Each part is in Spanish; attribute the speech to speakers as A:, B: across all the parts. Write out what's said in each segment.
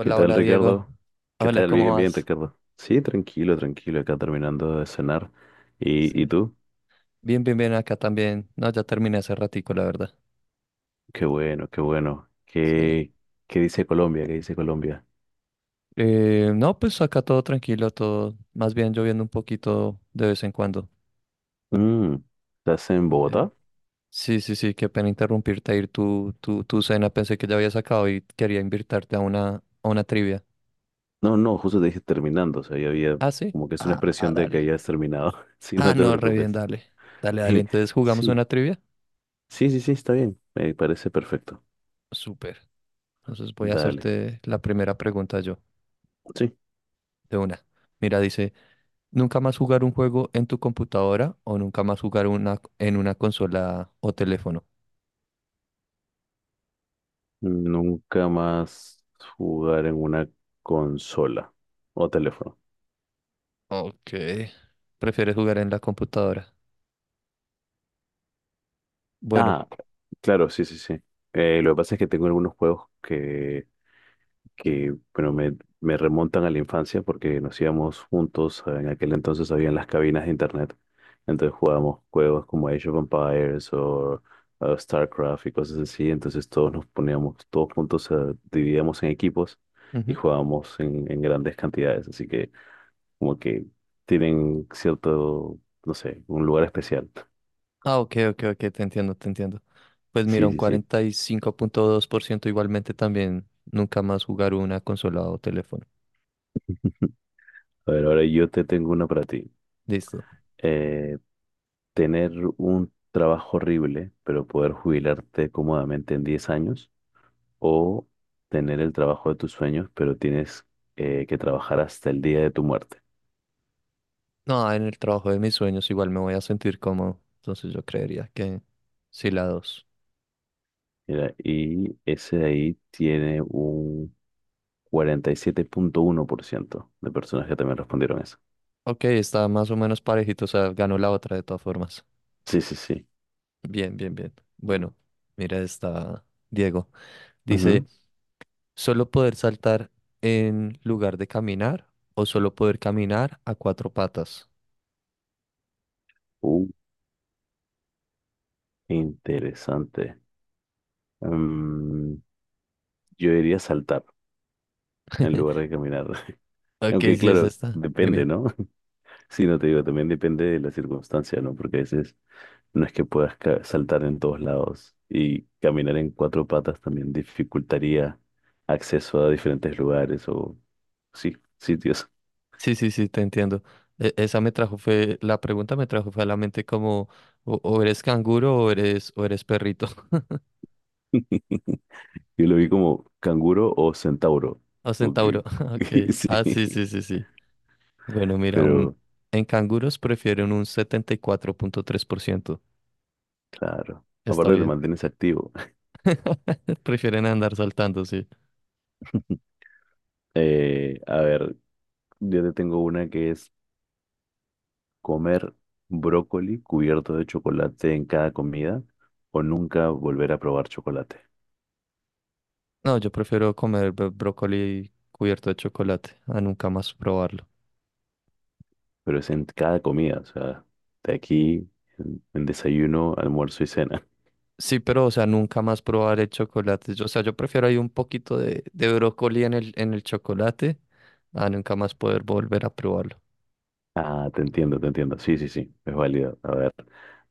A: ¿Qué tal,
B: hola Diego.
A: Ricardo? ¿Qué
B: Hola,
A: tal?
B: ¿cómo
A: Bien, bien,
B: vas?
A: Ricardo. Sí, tranquilo, tranquilo, acá terminando de cenar. ¿Y,
B: Sí.
A: tú?
B: Bien, bien, bien, acá también. No, ya terminé hace ratico, la verdad.
A: Qué bueno, qué bueno.
B: Sí.
A: ¿Qué, qué dice Colombia? ¿Qué dice Colombia?
B: No, pues acá todo tranquilo, todo. Más bien lloviendo un poquito de vez en cuando.
A: Mm, ¿estás en
B: Sí,
A: Bogotá?
B: sí, sí, sí, qué pena interrumpirte. Ir tu cena, pensé que ya habías acabado y quería invitarte a una trivia.
A: No, no, justo te dije terminando. O sea, ya había
B: Ah, sí.
A: como que es una
B: Ah, ah,
A: expresión de que
B: dale.
A: ya has terminado. Sí,
B: Ah,
A: no te
B: no, re bien,
A: preocupes.
B: dale. Dale, dale. Entonces, ¿jugamos
A: Sí,
B: una trivia?
A: sí, sí, sí, está bien. Me parece perfecto.
B: Súper. Entonces voy a
A: Dale.
B: hacerte la primera pregunta yo.
A: Sí.
B: De una. Mira, dice, nunca más jugar un juego en tu computadora o nunca más jugar una en una consola o teléfono.
A: Nunca más jugar en una consola o teléfono.
B: Ok. ¿Prefieres jugar en la computadora? Bueno.
A: Ah, claro, sí, sí, sí. Lo que pasa es que tengo algunos juegos que bueno, me remontan a la infancia porque nos íbamos juntos. En aquel entonces habían las cabinas de internet. Entonces jugábamos juegos como Age of Empires o StarCraft y cosas así. Entonces todos nos poníamos, todos juntos, dividíamos en equipos y
B: Ujú.
A: jugábamos en grandes cantidades. Así que como que tienen cierto, no sé, un lugar especial.
B: Ah, ok, ok, ok, te entiendo, te entiendo. Pues mira,
A: Sí,
B: un
A: sí, sí.
B: 45,2% igualmente también nunca más jugar una consola o teléfono.
A: A ver, ahora yo te tengo una para ti.
B: Listo.
A: eh, Tener un trabajo horrible, pero poder jubilarte cómodamente en 10 años, o tener el trabajo de tus sueños, pero tienes que trabajar hasta el día de tu muerte.
B: No, en el trabajo de mis sueños igual me voy a sentir cómodo. Entonces yo creería que sí la dos.
A: Mira, y ese de ahí tiene un 47,1% de personas que también respondieron eso.
B: Ok, está más o menos parejito, o sea, ganó la otra de todas formas.
A: Sí, sí, sí.
B: Bien, bien, bien. Bueno, mira esta, Diego. Dice,
A: Ujú.
B: ¿solo poder saltar en lugar de caminar o solo poder caminar a cuatro patas?
A: Uh, interesante. Mm, yo diría saltar en lugar de caminar.
B: Ok,
A: Aunque
B: sí, es
A: claro,
B: esta.
A: depende,
B: Dime.
A: ¿no? Sí, no te digo, también depende de la circunstancia, ¿no? Porque a veces no es que puedas saltar en todos lados y caminar en cuatro patas también dificultaría acceso a diferentes lugares o, sí, sitios.
B: Sí, sí, sí, te entiendo. E- esa me trajo fue, la pregunta me trajo fue a la mente como, o eres canguro o eres perrito
A: Yo lo vi como canguro o centauro.
B: o
A: como que-
B: centauro. Ok. Ah, sí,
A: Sí,
B: sí, sí, sí. Bueno, mira,
A: pero
B: en canguros prefieren un 74,3%.
A: claro,
B: Está
A: aparte te
B: bien.
A: mantienes activo.
B: Prefieren andar saltando, sí.
A: A ver, yo te tengo una que es comer brócoli cubierto de chocolate en cada comida o nunca volver a probar chocolate.
B: No, yo prefiero comer brócoli cubierto de chocolate a nunca más probarlo.
A: Pero es en cada comida, o sea, de aquí en desayuno, almuerzo y cena.
B: Sí, pero, o sea, nunca más probar el chocolate. O sea, yo prefiero ahí un poquito de brócoli en el chocolate a nunca más poder volver a probarlo.
A: Ah, te entiendo, te entiendo. Sí, sí, sí, es válido. A ver,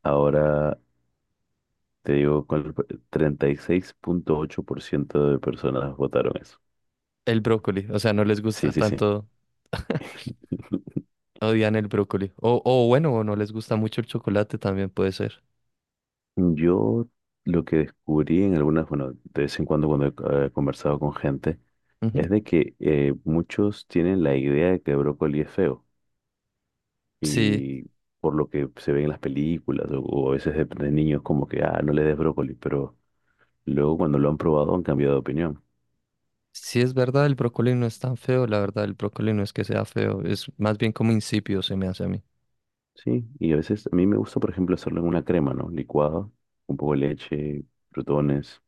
A: ahora te digo, con el 36,8% de personas votaron eso.
B: El brócoli, o sea, no les
A: Sí,
B: gusta
A: sí, sí.
B: tanto, odian el brócoli. O bueno, o no les gusta mucho el chocolate también puede ser.
A: Yo lo que descubrí en algunas, bueno, de vez en cuando cuando he conversado con gente,
B: Ujú.
A: es de que muchos tienen la idea de que el brócoli es feo
B: Sí,
A: y por lo que se ve en las películas o a veces de niños como que, ah, no le des brócoli, pero luego cuando lo han probado han cambiado de opinión.
B: sí es verdad, el brócoli no es tan feo, la verdad, el brócoli no es que sea feo, es más bien como insípido se me hace a mí.
A: Sí, y a veces a mí me gusta, por ejemplo, hacerlo en una crema, ¿no? Licuado, un poco de leche, frutones,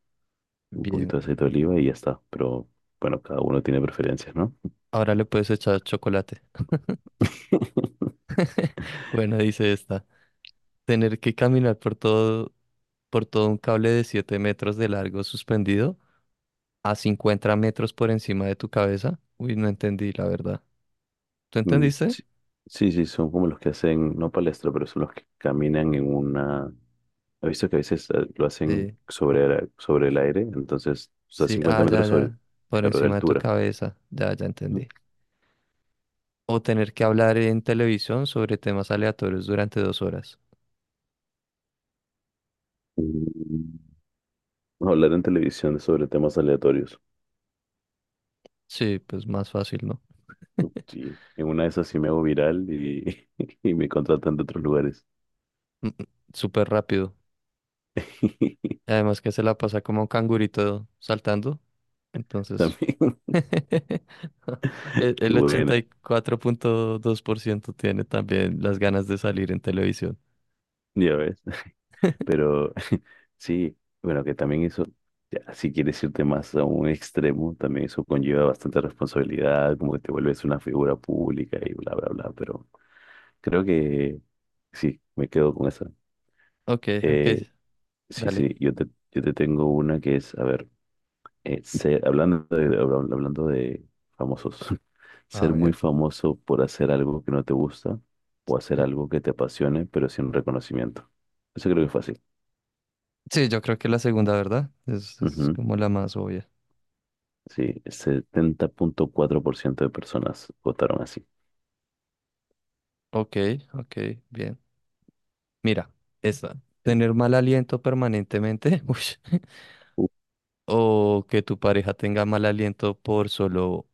A: un
B: Bien,
A: poquito de aceite de oliva y ya está. Pero bueno, cada uno tiene preferencias, ¿no?
B: ahora le puedes echar chocolate. Bueno, dice esta. Tener que caminar por todo un cable de 7 metros de largo suspendido a 50 metros por encima de tu cabeza. Uy, no entendí, la verdad. ¿Tú
A: Mm,
B: entendiste?
A: sí, sí, sí, son como los que hacen, no palestra, pero son los que caminan en una... He visto que a veces lo hacen
B: Sí,
A: sobre, sobre el aire, entonces, o sea,
B: sí,
A: 50
B: ah, ya,
A: metros sobre,
B: ya. Por
A: claro, de
B: encima de tu
A: altura.
B: cabeza. Ya, ya
A: Ujú.
B: entendí. O tener que hablar en televisión sobre temas aleatorios durante 2 horas.
A: Mm, bueno, hablar en televisión sobre temas aleatorios.
B: Sí, pues más fácil, ¿no?
A: Uf, sí, en una de esas sí me hago viral y, y me contratan de otros lugares.
B: Mm, mm, Súper rápido. Y además que se la pasa como cangurito saltando. Entonces,
A: También,
B: el
A: qué
B: el ochenta
A: buena,
B: y cuatro punto dos por ciento tiene también las ganas de salir en televisión.
A: ya ves. Pero sí, bueno, que también eso, ya, si quieres irte más a un extremo, también eso conlleva bastante responsabilidad, como que te vuelves una figura pública y bla, bla, bla. Pero creo que sí, me quedo con esa.
B: Ok, ok,
A: Eh, sí,
B: dale.
A: sí, yo te tengo una que es, a ver, hablando de, hablando de famosos,
B: A
A: ser muy
B: ver.
A: famoso por hacer algo que no te gusta o hacer
B: Eh,
A: algo que te apasione, pero sin reconocimiento. Eso creo que es fácil.
B: Sí, yo creo que la segunda, ¿verdad? Es como la más obvia.
A: Sí, 70,4% de personas votaron así.
B: Ok, ok, bien. Mira, esta.
A: Sí.
B: Tener mal aliento permanentemente. Ush.
A: Uh,
B: O que tu pareja tenga mal aliento por solo,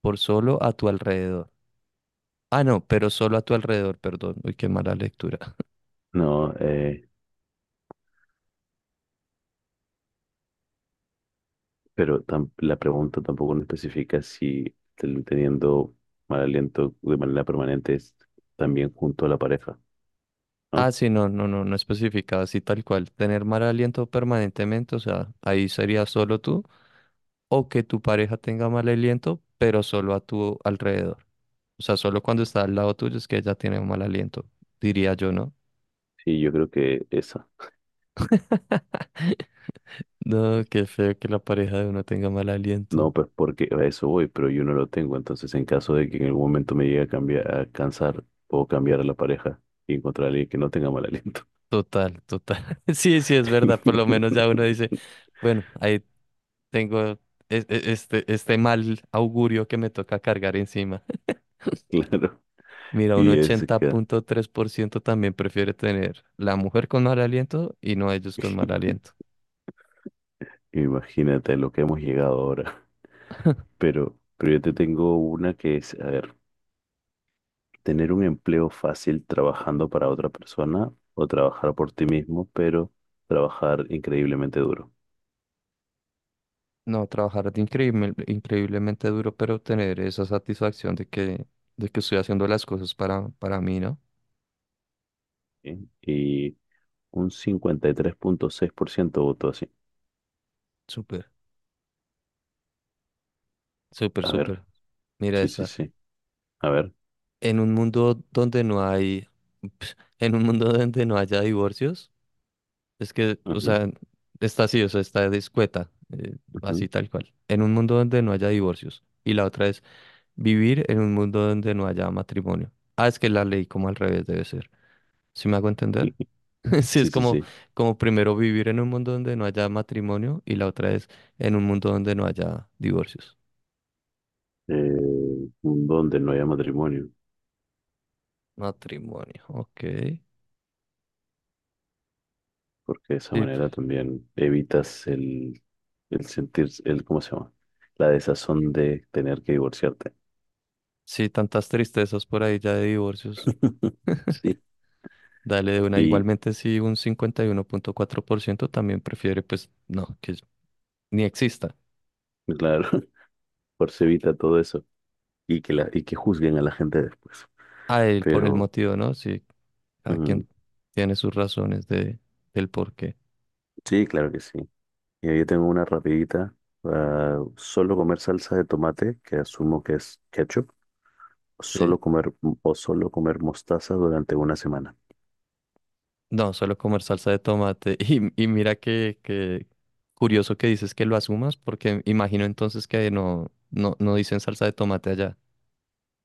B: por solo a tu alrededor. Ah, no, pero solo a tu alrededor, perdón. Uy, qué mala lectura.
A: no, pero la pregunta tampoco no especifica si teniendo mal aliento de manera permanente es también junto a la pareja,
B: Ah,
A: ¿no?
B: sí, no, no, no, no especificaba así tal cual. Tener mal aliento permanentemente, o sea, ahí sería solo tú, o que tu pareja tenga mal aliento, pero solo a tu alrededor. O sea, solo cuando está al lado tuyo es que ella tiene un mal aliento, diría yo, ¿no?
A: Sí, yo creo que esa.
B: No, qué feo que la pareja de uno tenga mal aliento.
A: No, pues porque a eso voy, pero yo no lo tengo. Entonces, en caso de que en algún momento me llegue a cambiar, a cansar, puedo cambiar a la pareja y encontrar a alguien que no tenga mal aliento.
B: Total, total. Sí, sí, es verdad. Por lo menos ya uno dice, bueno, ahí tengo este mal augurio que me toca cargar encima.
A: Claro.
B: Mira, un
A: Y es
B: ochenta
A: que
B: punto tres por ciento también prefiere tener la mujer con mal aliento y no ellos con mal aliento.
A: imagínate lo que hemos llegado ahora. Pero yo te tengo una que es, a ver, tener un empleo fácil trabajando para otra persona o trabajar por ti mismo, pero trabajar increíblemente duro.
B: No, trabajar de increíblemente duro, pero tener esa satisfacción de que estoy haciendo las cosas para mí, ¿no?
A: ¿Sí? Y un 53.6% votó así.
B: Súper, súper,
A: A ver,
B: súper. Mira
A: sí, sí,
B: esta.
A: sí. A ver.
B: En un mundo donde no hay, En un mundo donde no haya divorcios. Es que, o
A: Ujú,
B: sea, está así, o sea, está discueta, eh,
A: ujú.
B: así tal cual. En un mundo donde no haya divorcios. Y la otra es vivir en un mundo donde no haya matrimonio. Ah, es que la ley como al revés debe ser. ¿Sí me hago entender? Sí,
A: Sí,
B: es
A: sí,
B: como,
A: sí.
B: como primero vivir en un mundo donde no haya matrimonio y la otra es en un mundo donde no haya divorcios.
A: Eh, un don de no haya matrimonio,
B: Matrimonio, ok.
A: porque de esa
B: Sí,
A: manera también evitas el sentir, el, ¿cómo se llama? La desazón de tener que divorciarte.
B: sí, tantas tristezas por ahí ya de divorcios.
A: Sí.
B: Dale de una.
A: Y
B: Igualmente, si un 51,4% también prefiere, pues no, que ni exista.
A: claro, por se evita todo eso. Y que, la, y que juzguen a la gente después.
B: A él por el
A: Pero
B: motivo, ¿no? Sí, cada
A: mm,
B: quien tiene sus razones del por qué.
A: sí, claro que sí. Y yo tengo una rapidita. Ah, solo comer salsa de tomate, que asumo que es ketchup.
B: Sí.
A: Solo comer o solo comer mostaza durante una semana.
B: No, suelo comer salsa de tomate. Y mira que curioso que dices que lo asumas, porque imagino entonces que no, no, no dicen salsa de tomate allá.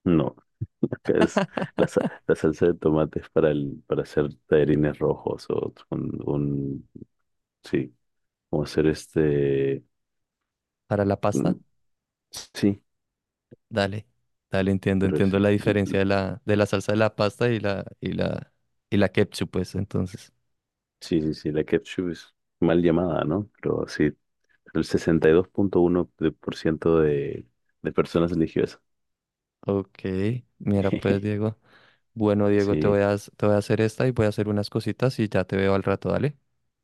A: No, acá es la, la salsa de tomate es para, el, para hacer tallarines rojos o un- sí, como hacer este,
B: ¿Para la pasta?
A: mm, sí,
B: Dale, dale, entiendo,
A: pero
B: entiendo la diferencia de la salsa de la pasta y la ketchup, pues, entonces.
A: sí, sí, sí, la ketchup es mal llamada, ¿no? Pero sí, el 62.1% de, por ciento de personas religiosas
B: Ok, mira pues, Diego. Bueno, Diego, te voy
A: Sí,
B: a, s- te voy a hacer esta y voy a hacer unas cositas y ya te veo al rato, dale.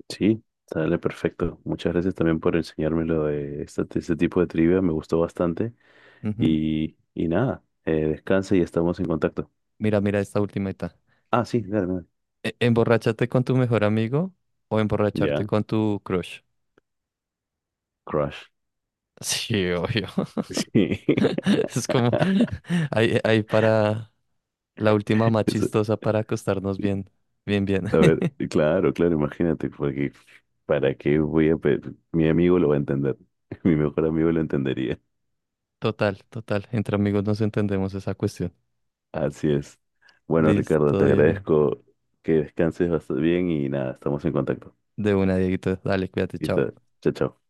A: sí, sale perfecto. Muchas gracias también por enseñarme lo de este tipo de trivia, me gustó bastante.
B: Ujú.
A: Y nada, descansa y estamos en contacto.
B: Mira, mira esta ultimita.
A: Ah, sí, dale, dale.
B: ¿Emborracharte con tu mejor amigo o emborracharte
A: Ya,
B: con tu crush?
A: crush.
B: Sí, obvio.
A: Sí,
B: Es como ahí para la última más
A: eso.
B: chistosa para acostarnos bien, bien, bien.
A: A ver, claro, claro, imagínate, porque ¿para qué voy a pe- mi amigo lo va a entender, mi mejor amigo lo entendería.
B: Total, total. Entre amigos nos entendemos esa cuestión.
A: Así es. Bueno, Ricardo,
B: Listo,
A: te
B: Diego.
A: agradezco que descanses bastante bien y nada, estamos en contacto.
B: De una, Dieguito. Dale, cuídate,
A: Y
B: chao.
A: chao, chao.